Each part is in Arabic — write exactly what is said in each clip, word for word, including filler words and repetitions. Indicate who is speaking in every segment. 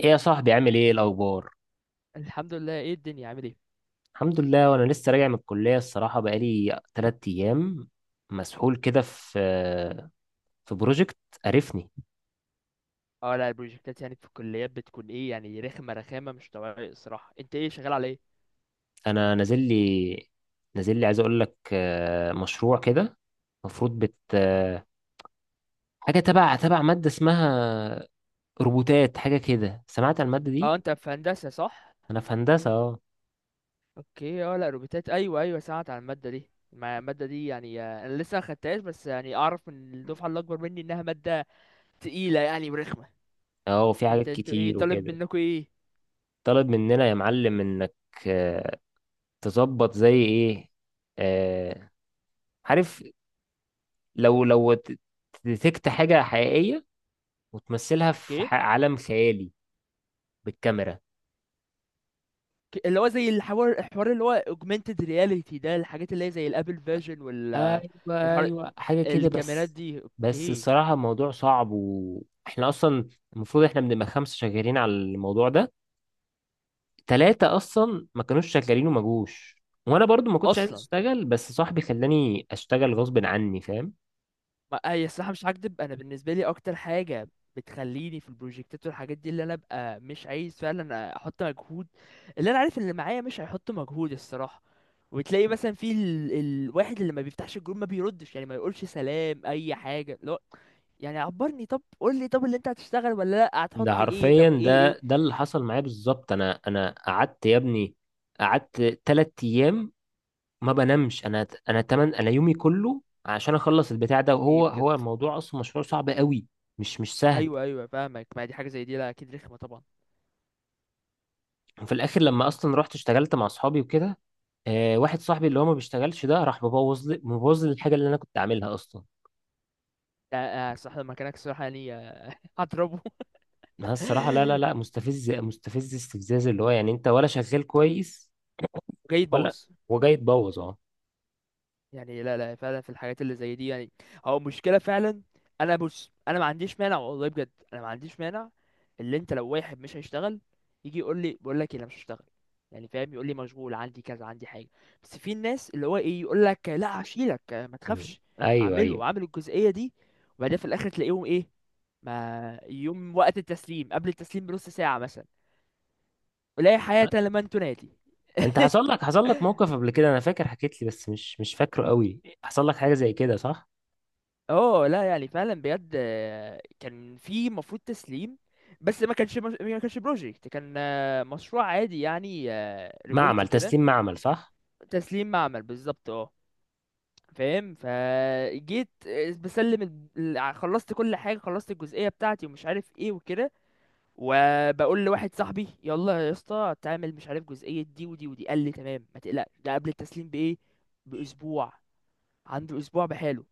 Speaker 1: ايه يا صاحبي، عامل ايه الاخبار؟
Speaker 2: الحمد لله. ايه الدنيا، عامل ايه؟
Speaker 1: الحمد لله. وانا لسه راجع من الكليه، الصراحه بقالي تلات ايام مسحول كده في في بروجكت، قرفني.
Speaker 2: اه لا البروجكتات يعني في الكليات بتكون ايه، يعني رخمه رخامه مش طبيعيه الصراحه. انت ايه شغال، على ايه؟
Speaker 1: انا نازل لي نازل لي عايز اقول لك، آه، مشروع كده. المفروض بت آه، حاجه تبع تبع ماده اسمها روبوتات، حاجه كده. سمعت عن الماده
Speaker 2: اه،
Speaker 1: دي؟
Speaker 2: انت في هندسه صح؟
Speaker 1: انا في هندسه، اه.
Speaker 2: اوكي. اه لا روبوتات، ايوه ايوه سمعت عن الماده دي. ما الماده دي يعني آه، انا لسه ما خدتهاش، بس يعني اعرف من الدفعه اللي اكبر مني انها ماده تقيله يعني ورخمه.
Speaker 1: اه، وفي
Speaker 2: انت
Speaker 1: حاجات
Speaker 2: انتوا ايه
Speaker 1: كتير
Speaker 2: طالب
Speaker 1: وكده.
Speaker 2: منكم ايه؟
Speaker 1: طلب مننا يا معلم انك آه، تظبط زي ايه، آه، عارف، لو لو ت- ديتكت حاجة حقيقية وتمثلها في
Speaker 2: اوكي.
Speaker 1: ح- عالم خيالي بالكاميرا.
Speaker 2: ك- اللي هو زي الحوار الحوار اللي هو augmented reality ده، الحاجات اللي هي زي الابل فيجن والحوار،
Speaker 1: ايوه، ايوه، حاجة كده.
Speaker 2: الكاميرات
Speaker 1: بس
Speaker 2: دي،
Speaker 1: بس
Speaker 2: اوكي.
Speaker 1: الصراحة الموضوع صعب، واحنا اصلا المفروض احنا بنبقى خمسة شغالين على الموضوع ده، تلاتة اصلا ما كانوش شغالين وما جوش، وانا برضو ما كنتش عايز
Speaker 2: اصلا،
Speaker 1: اشتغل، بس صاحبي خلاني اشتغل غصب عني، فاهم.
Speaker 2: ما هي الصراحة مش هكدب، أنا بالنسبة لي أكتر حاجة بتخليني في البروجكتات والحاجات دي اللي أنا أبقى مش عايز فعلا أحط مجهود، اللي أنا عارف اللي معايا مش هيحط مجهود الصراحة. وتلاقي مثلا في ال... الواحد اللي ما بيفتحش الجروب، ما بيردش، يعني ما يقولش سلام أي حاجة، لا. يعني عبرني، طب قول لي، طب اللي أنت هتشتغل ولا لأ، هتحط
Speaker 1: ده
Speaker 2: إيه،
Speaker 1: حرفيا
Speaker 2: طب إيه إيه؟
Speaker 1: ده ده اللي حصل معايا بالظبط. انا انا قعدت يا ابني، قعدت تلات ايام ما بنامش. انا انا تمن انا يومي كله عشان اخلص البتاع ده،
Speaker 2: ايه
Speaker 1: وهو
Speaker 2: بجد؟
Speaker 1: هو الموضوع اصلا مشروع صعب قوي، مش مش سهل.
Speaker 2: أيوه أيوه فاهمك. ما دي حاجة زي دي، لا أكيد رخمة طبعا.
Speaker 1: وفي الاخر لما اصلا رحت اشتغلت مع اصحابي وكده، آه، واحد صاحبي اللي هو ما بيشتغلش ده راح مبوظ لي مبوظ لي الحاجه اللي انا كنت عاملها اصلا.
Speaker 2: لا، آه، الصراحة لو مكانك الصراحة يعني آه، هضربه
Speaker 1: انا الصراحه لا، لا، لا، مستفز مستفز استفزاز، اللي هو يعني انت ولا شغال كويس،
Speaker 2: جاي
Speaker 1: ولا
Speaker 2: تبوظ.
Speaker 1: وجاي تبوظ، اه.
Speaker 2: يعني لا لا، فعلا في الحاجات اللي زي دي، يعني هو مشكلة فعلا. انا بص انا ما عنديش مانع، والله بجد انا ما عنديش مانع. اللي انت لو واحد مش هيشتغل، يجي يقول لي، بقول لك إيه، انا مش هشتغل، يعني فاهم، يقول لي مشغول عندي كذا، عندي حاجة. بس في الناس اللي هو ايه، يقول لك لا هشيلك ما
Speaker 1: مم.
Speaker 2: تخافش،
Speaker 1: ايوه، ايوه.
Speaker 2: اعمله اعمل الجزئية دي. وبعدين في الاخر تلاقيهم ايه؟ ما يوم وقت التسليم، قبل التسليم بنص ساعة مثلا، ولا حياة لمن تنادي
Speaker 1: انت حصل لك حصل لك موقف قبل كده؟ انا فاكر حكيت لي، بس مش مش فاكره قوي. حصل لك حاجه زي كده صح؟
Speaker 2: اه لا، يعني فعلا بجد آه، كان في مفروض تسليم، بس ما كانش مش... ما كانش بروجكت، كان آه، مشروع عادي يعني، ريبورت
Speaker 1: معمل
Speaker 2: كده.
Speaker 1: تسليم، معمل صح.
Speaker 2: تسليم معمل بالظبط، اه. فاهم، فجيت آه، بسلم ال... ال- خلصت كل حاجه، خلصت الجزئيه بتاعتي ومش عارف ايه وكده، وبقول لواحد صاحبي، يلا يا اسطى تعمل مش عارف جزئيه دي ودي ودي. قال لي تمام، ما تقلقش، ده قبل التسليم بايه، باسبوع، عنده اسبوع بحاله.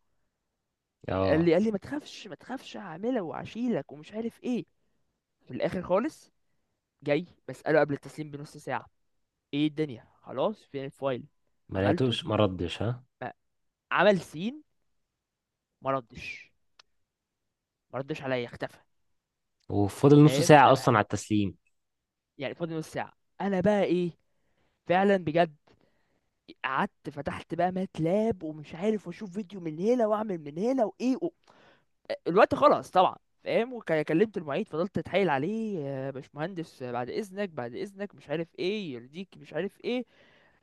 Speaker 2: قال
Speaker 1: اه،
Speaker 2: لي قال لي ما تخافش ما تخافش، هعملها وهشيلك ومش عارف ايه. في الاخر خالص، جاي بسأله قبل التسليم بنص ساعة، ايه الدنيا خلاص، فين الفايل،
Speaker 1: ما
Speaker 2: عملته؟
Speaker 1: لقيتوش، ما ردش ها؟
Speaker 2: ما- عمل سين، ما ردش ما ردش عليا، اختفى.
Speaker 1: وفضل نص
Speaker 2: فاهم، ف
Speaker 1: ساعة أصلا على التسليم.
Speaker 2: يعني فاضل نص ساعة، انا بقى ايه؟ فعلا بجد، قعدت فتحت بقى ماتلاب ومش عارف، واشوف فيديو من هنا واعمل من هنا وايه، الوقت خلص طبعا. فاهم، وكلمت المعيد، فضلت اتحايل عليه، يا باشمهندس بعد اذنك بعد اذنك، مش عارف ايه يرضيك مش عارف ايه.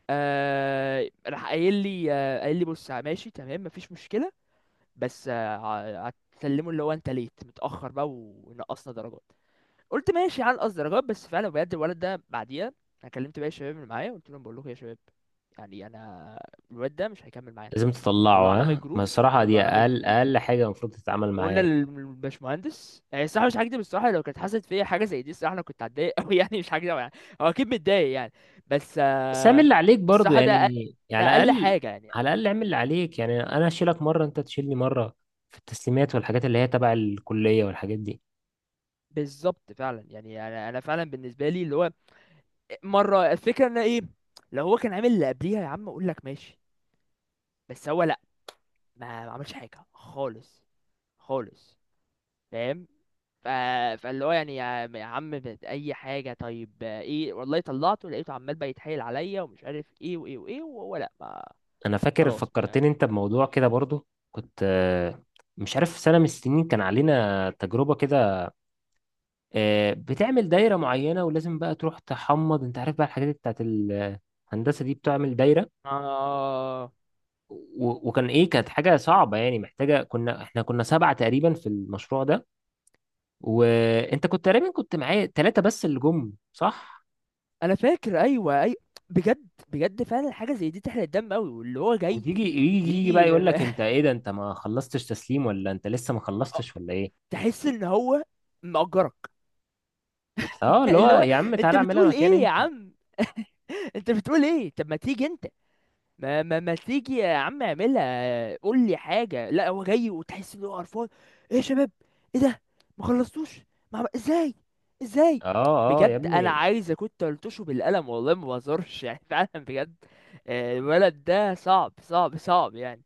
Speaker 2: آه راح قايل لي آه قايل لي بص ماشي تمام مفيش مشكله، بس آه ع- هتسلمه اللي هو انت ليت متاخر بقى ونقصنا درجات. قلت ماشي على نقص درجات، بس فعلا بجد الولد ده بعديها، انا كلمت باقي الشباب اللي معايا، قلت لهم بقول لكم يا شباب، يعني انا، الواد ده مش هيكمل معانا.
Speaker 1: لازم تطلعه
Speaker 2: طلعناه من
Speaker 1: ها؟ ما
Speaker 2: الجروب،
Speaker 1: الصراحة دي
Speaker 2: طلعناه من
Speaker 1: أقل
Speaker 2: الجروب.
Speaker 1: أقل حاجة المفروض تتعامل معاه
Speaker 2: قلنا
Speaker 1: يعني.
Speaker 2: للباشمهندس يعني الصراحه مش هكدب، الصراحه لو كانت حصلت فيا حاجه زي دي الصراحه انا كنت هتضايق قوي يعني مش هكدب يعني. هو اكيد متضايق يعني، بس
Speaker 1: بس اعمل
Speaker 2: آه،
Speaker 1: اللي عليك برضو
Speaker 2: الصراحه
Speaker 1: يعني.
Speaker 2: ده أ- ده
Speaker 1: يعني على
Speaker 2: اقل
Speaker 1: الأقل.
Speaker 2: حاجه يعني.
Speaker 1: على الأقل اعمل اللي عليك يعني، أنا أشيلك مرة أنت تشيلني مرة في التسليمات والحاجات اللي هي تبع الكلية والحاجات دي.
Speaker 2: بالظبط، فعلا يعني انا انا فعلا بالنسبه لي اللي هو، مره الفكره ان ايه، لو هو كان عامل اللي قبليها، يا عم اقول لك ماشي، بس هو لا، ما ما عملش حاجه خالص، خالص. فاهم، ف... فاللي هو يعني يا يا عم بت- اي حاجه طيب آه، ايه والله، طلعته لقيته عمال بقى يتحايل عليا ومش عارف ايه وايه وايه، وهو لا ما،
Speaker 1: أنا فاكر
Speaker 2: خلاص ما
Speaker 1: فكرتني أنت بموضوع كده برضو، كنت آه، مش عارف، سنة من السنين كان علينا تجربة كده، آه، بتعمل دايرة معينة ولازم بقى تروح تحمض. انت عارف بقى الحاجات بتاعت الهندسة دي، بتعمل دايرة،
Speaker 2: آه...
Speaker 1: و- وكان ايه، كانت حاجة صعبة يعني، محتاجة، كنا احنا كنا سبعة تقريبا في المشروع ده، وانت كنت تقريبا كنت معايا، ثلاثة بس اللي جم صح.
Speaker 2: انا فاكر، ايوه اي. بجد بجد فعلا حاجه زي دي تحرق الدم قوي، واللي هو جاي
Speaker 1: وتيجي يجي يجي
Speaker 2: بيجي
Speaker 1: بقى يقول
Speaker 2: م-
Speaker 1: لك،
Speaker 2: م-
Speaker 1: انت ايه ده؟ انت ما خلصتش تسليم، ولا انت لسه ما
Speaker 2: آه،
Speaker 1: خلصتش، ولا ايه؟
Speaker 2: تحس ان هو مأجرك
Speaker 1: اه، اللي هو
Speaker 2: اللي هو
Speaker 1: يا عم
Speaker 2: انت
Speaker 1: تعالى اعملها
Speaker 2: بتقول
Speaker 1: مكان
Speaker 2: ايه يا
Speaker 1: انت.
Speaker 2: عم، انت بتقول ايه، طب ما تيجي انت، ما ما ما تيجي يا عم اعملها، قول لي حاجه، لا هو جاي وتحس ان هو قرفان. ايه يا شباب، ايه ده، ما خلصتوش، ما عم- ازاي، ازاي.
Speaker 1: اه، اه يا
Speaker 2: بجد انا
Speaker 1: ابني.
Speaker 2: عايز كنت قلتوشه بالقلم والله ما بهزرش يعني فعلا بجد آه، الولد ده صعب صعب صعب يعني.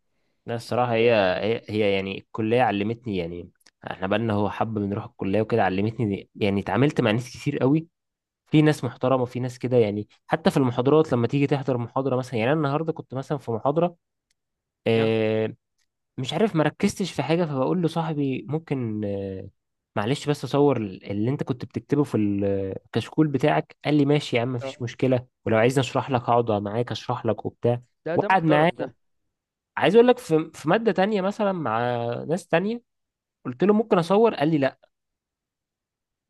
Speaker 1: لا، الصراحة
Speaker 2: يعني
Speaker 1: هي
Speaker 2: آه،
Speaker 1: هي هي يعني الكلية علمتني يعني. احنا بقالنا هو حب بنروح الكلية وكده، علمتني يعني، اتعاملت مع ناس كتير قوي. في ناس محترمة وفي ناس كده يعني، حتى في المحاضرات لما تيجي تحضر محاضرة مثلا. يعني انا النهاردة كنت مثلا في محاضرة،
Speaker 2: يا-
Speaker 1: آه، مش عارف مركزتش في حاجة، فبقول لصاحبي ممكن، آه، معلش بس اصور اللي انت كنت بتكتبه في الكشكول بتاعك. قال لي ماشي يا عم، مفيش
Speaker 2: آه.
Speaker 1: مشكلة، ولو عايزني اشرح لك هقعد معاك اشرح لك وبتاع.
Speaker 2: ده ده
Speaker 1: وقعد
Speaker 2: محترم ده.
Speaker 1: معايا. عايز اقول لك، في في ماده تانية مثلا مع ناس تانية، قلت له ممكن اصور، قال لي لا.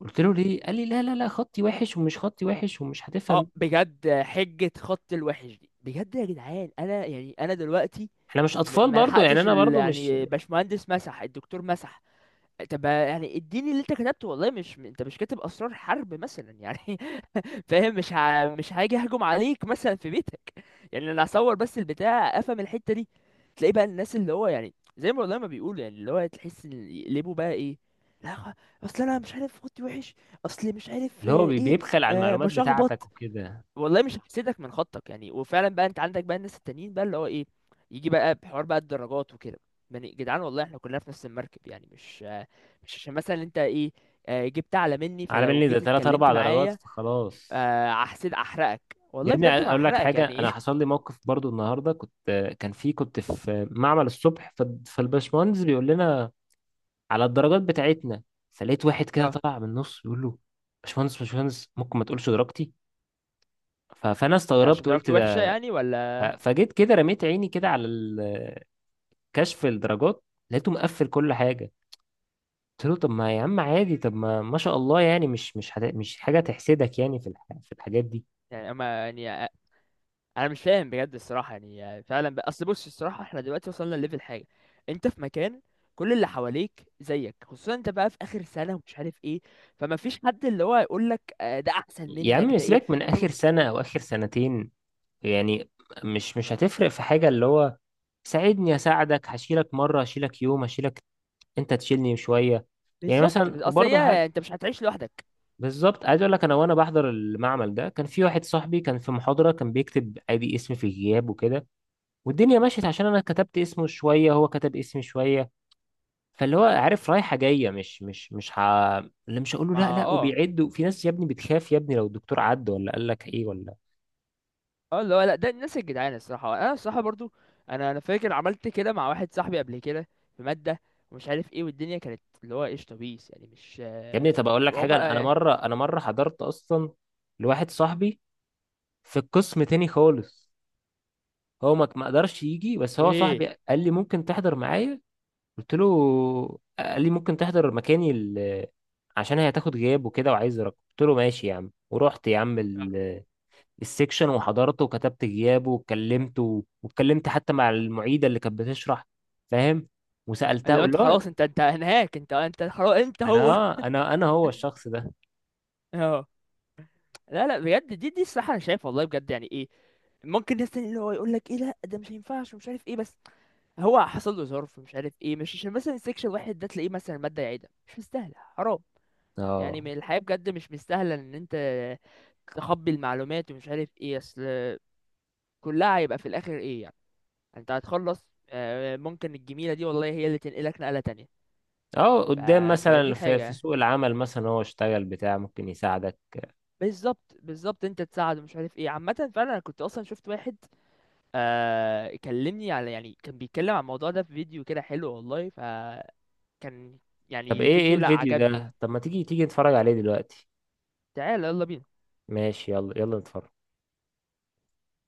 Speaker 1: قلت له ليه؟ قال لي لا، لا، لا، خطي وحش، ومش خطي وحش، ومش
Speaker 2: اه
Speaker 1: هتفهم.
Speaker 2: بجد، حجة خط الوحش دي بجد يا جدعان، انا يعني انا دلوقتي
Speaker 1: احنا مش
Speaker 2: م-
Speaker 1: اطفال
Speaker 2: ما
Speaker 1: برضو يعني،
Speaker 2: لحقتش
Speaker 1: انا
Speaker 2: ال-
Speaker 1: برضو مش،
Speaker 2: يعني باشمهندس مسح، الدكتور مسح. طب يعني اديني اللي انت كتبته، والله مش انت مش كاتب اسرار حرب مثلا يعني فاهم، مش ه... مش هاجي اهجم عليك مثلا في بيتك، يعني انا هصور بس البتاع افهم الحتة دي. تلاقي بقى الناس اللي هو يعني زي ما والله ما بيقولوا، يعني اللي هو تحس ان يقلبوا بقى ايه، لا خ- اصل انا مش عارف خطي وحش، اصل مش عارف
Speaker 1: اللي هو
Speaker 2: آه،
Speaker 1: بي-
Speaker 2: ايه،
Speaker 1: بيبخل على
Speaker 2: أه
Speaker 1: المعلومات
Speaker 2: بشخبط.
Speaker 1: بتاعتك وكده.
Speaker 2: والله مش هحسدك من خطك يعني، وفعلا بقى انت عندك بقى الناس التانيين بقى اللي هو ايه، يجي بقى بحوار بقى الدرجات وكده. يعني جدعان والله احنا كلنا في نفس المركب، يعني مش آه، مش عشان مثلا انت ايه، آه، جبت اعلى مني،
Speaker 1: على
Speaker 2: فلو
Speaker 1: بالي ده
Speaker 2: جيت
Speaker 1: ثلاثة
Speaker 2: اتكلمت
Speaker 1: أربعة درجات
Speaker 2: معايا
Speaker 1: فخلاص.
Speaker 2: آه، هحسد احرقك،
Speaker 1: يا
Speaker 2: والله
Speaker 1: ابني
Speaker 2: بجد ما
Speaker 1: اقول لك
Speaker 2: احرقك
Speaker 1: حاجه،
Speaker 2: يعني
Speaker 1: انا حصل لي موقف برضو النهارده. كنت، كان في كنت في معمل الصبح، ف- فالباشمهندس بيقول لنا على الدرجات بتاعتنا. فلقيت واحد كده
Speaker 2: اه
Speaker 1: طلع من النص بيقول له، باشمهندس باشمهندس ممكن ما تقولش درجتي؟ ف- فانا
Speaker 2: ده
Speaker 1: استغربت،
Speaker 2: عشان
Speaker 1: قلت
Speaker 2: درجته وحشة
Speaker 1: ده،
Speaker 2: يعني،
Speaker 1: ف-
Speaker 2: ولا؟
Speaker 1: فجيت كده رميت عيني كده على ال- كشف الدرجات، لقيته مقفل كل حاجه. قلت له طب ما يا عم عادي، طب ما ما شاء الله يعني، مش مش حد... مش حاجه تحسدك يعني، في الح... في الحاجات دي.
Speaker 2: يعني اما يعني انا مش فاهم بجد الصراحه، يعني فعلا بقى اصل، بص الصراحه احنا دلوقتي وصلنا لليفل حاجه، انت في مكان كل اللي حواليك زيك، خصوصا انت بقى في اخر سنه ومش عارف ايه، فما فيش حد اللي هو يقول لك آه، ده احسن
Speaker 1: يا
Speaker 2: منك،
Speaker 1: عم
Speaker 2: ده ايه.
Speaker 1: سيبك من اخر
Speaker 2: طب،
Speaker 1: سنه او اخر سنتين يعني، مش مش هتفرق في حاجه، اللي هو ساعدني اساعدك، هشيلك مره، هشيلك يوم، هشيلك انت تشيلني شويه يعني،
Speaker 2: بالظبط
Speaker 1: مثلا،
Speaker 2: بال- اصل
Speaker 1: وبرضه.
Speaker 2: هي انت مش هتعيش لوحدك.
Speaker 1: بالظبط. عايز اقول لك، انا وانا بحضر المعمل ده، كان في واحد صاحبي كان في محاضره، كان بيكتب ادي اسمي في الغياب وكده، والدنيا مشيت، عشان انا كتبت اسمه شويه، هو كتب اسمي شويه. فاللي هو عارف رايحه جايه، مش مش مش ح... اللي مش هقول له
Speaker 2: ما
Speaker 1: لا، لا،
Speaker 2: اه.
Speaker 1: وبيعدوا. في ناس يا ابني بتخاف يا ابني، لو الدكتور عد ولا قال لك ايه ولا.
Speaker 2: اه اللي هو، لا ده الناس الجدعان الصراحه، انا الصراحه برضو انا انا فاكر عملت كده مع واحد صاحبي قبل كده في ماده ومش عارف ايه، والدنيا كانت اللي هو ايش طبيس يعني، مش
Speaker 1: يا ابني
Speaker 2: آه،
Speaker 1: طب اقول لك حاجه، انا أنا
Speaker 2: هما آه،
Speaker 1: مره انا مره حضرت اصلا لواحد صاحبي في القسم تاني خالص. هو ما ما قدرش يجي، بس هو صاحبي
Speaker 2: ايه
Speaker 1: قال لي ممكن تحضر معايا؟ قلت له آه. قال لي ممكن تحضر مكاني، ال- عشان هي هتاخد غياب وكده، وعايز رقم. قلت له ماشي يا عم، ورحت يا عم ال- السكشن وحضرته، وكتبت غيابه، واتكلمت واتكلمت حتى مع المعيدة اللي كانت بتشرح، فاهم. وسألتها،
Speaker 2: اللي هو
Speaker 1: اقول
Speaker 2: انت
Speaker 1: له
Speaker 2: خلاص، انت انت هناك، انت انت خلاص انت هو
Speaker 1: انا انا انا هو الشخص ده.
Speaker 2: اه لا لا بجد، دي دي الصراحه انا شايف والله بجد يعني ايه، ممكن ناس تاني اللي هو يقول لك ايه لا ده مش هينفعش ومش عارف ايه، بس هو حصل له ظرف مش عارف ايه، مش عشان مثلا السكشن واحد ده تلاقيه مثلا ماده يعيدها، مش مستاهله حرام يعني
Speaker 1: اه،
Speaker 2: من الحياه بجد، مش مستاهله ان انت تخبي المعلومات ومش عارف ايه، اصل كلها هيبقى في الاخر ايه يعني، انت هتخلص آه، ممكن الجميله دي والله هي اللي تنقلك نقله تانية.
Speaker 1: اه،
Speaker 2: ف...
Speaker 1: قدام مثلا
Speaker 2: فدي
Speaker 1: في في
Speaker 2: حاجه،
Speaker 1: سوق العمل مثلا، هو اشتغل بتاع ممكن يساعدك.
Speaker 2: بالظبط بالظبط انت تساعده مش عارف ايه. عامه فعلا انا كنت اصلا شفت واحد آه كلمني على يعني، كان بيتكلم عن الموضوع ده في فيديو كده حلو والله، فكان يعني
Speaker 1: طب ايه، ايه
Speaker 2: الفيديو لا
Speaker 1: الفيديو
Speaker 2: عجبني.
Speaker 1: ده؟ طب ما تيجي، تيجي نتفرج عليه دلوقتي.
Speaker 2: تعالى يلا بينا.
Speaker 1: ماشي، يلا يلا نتفرج.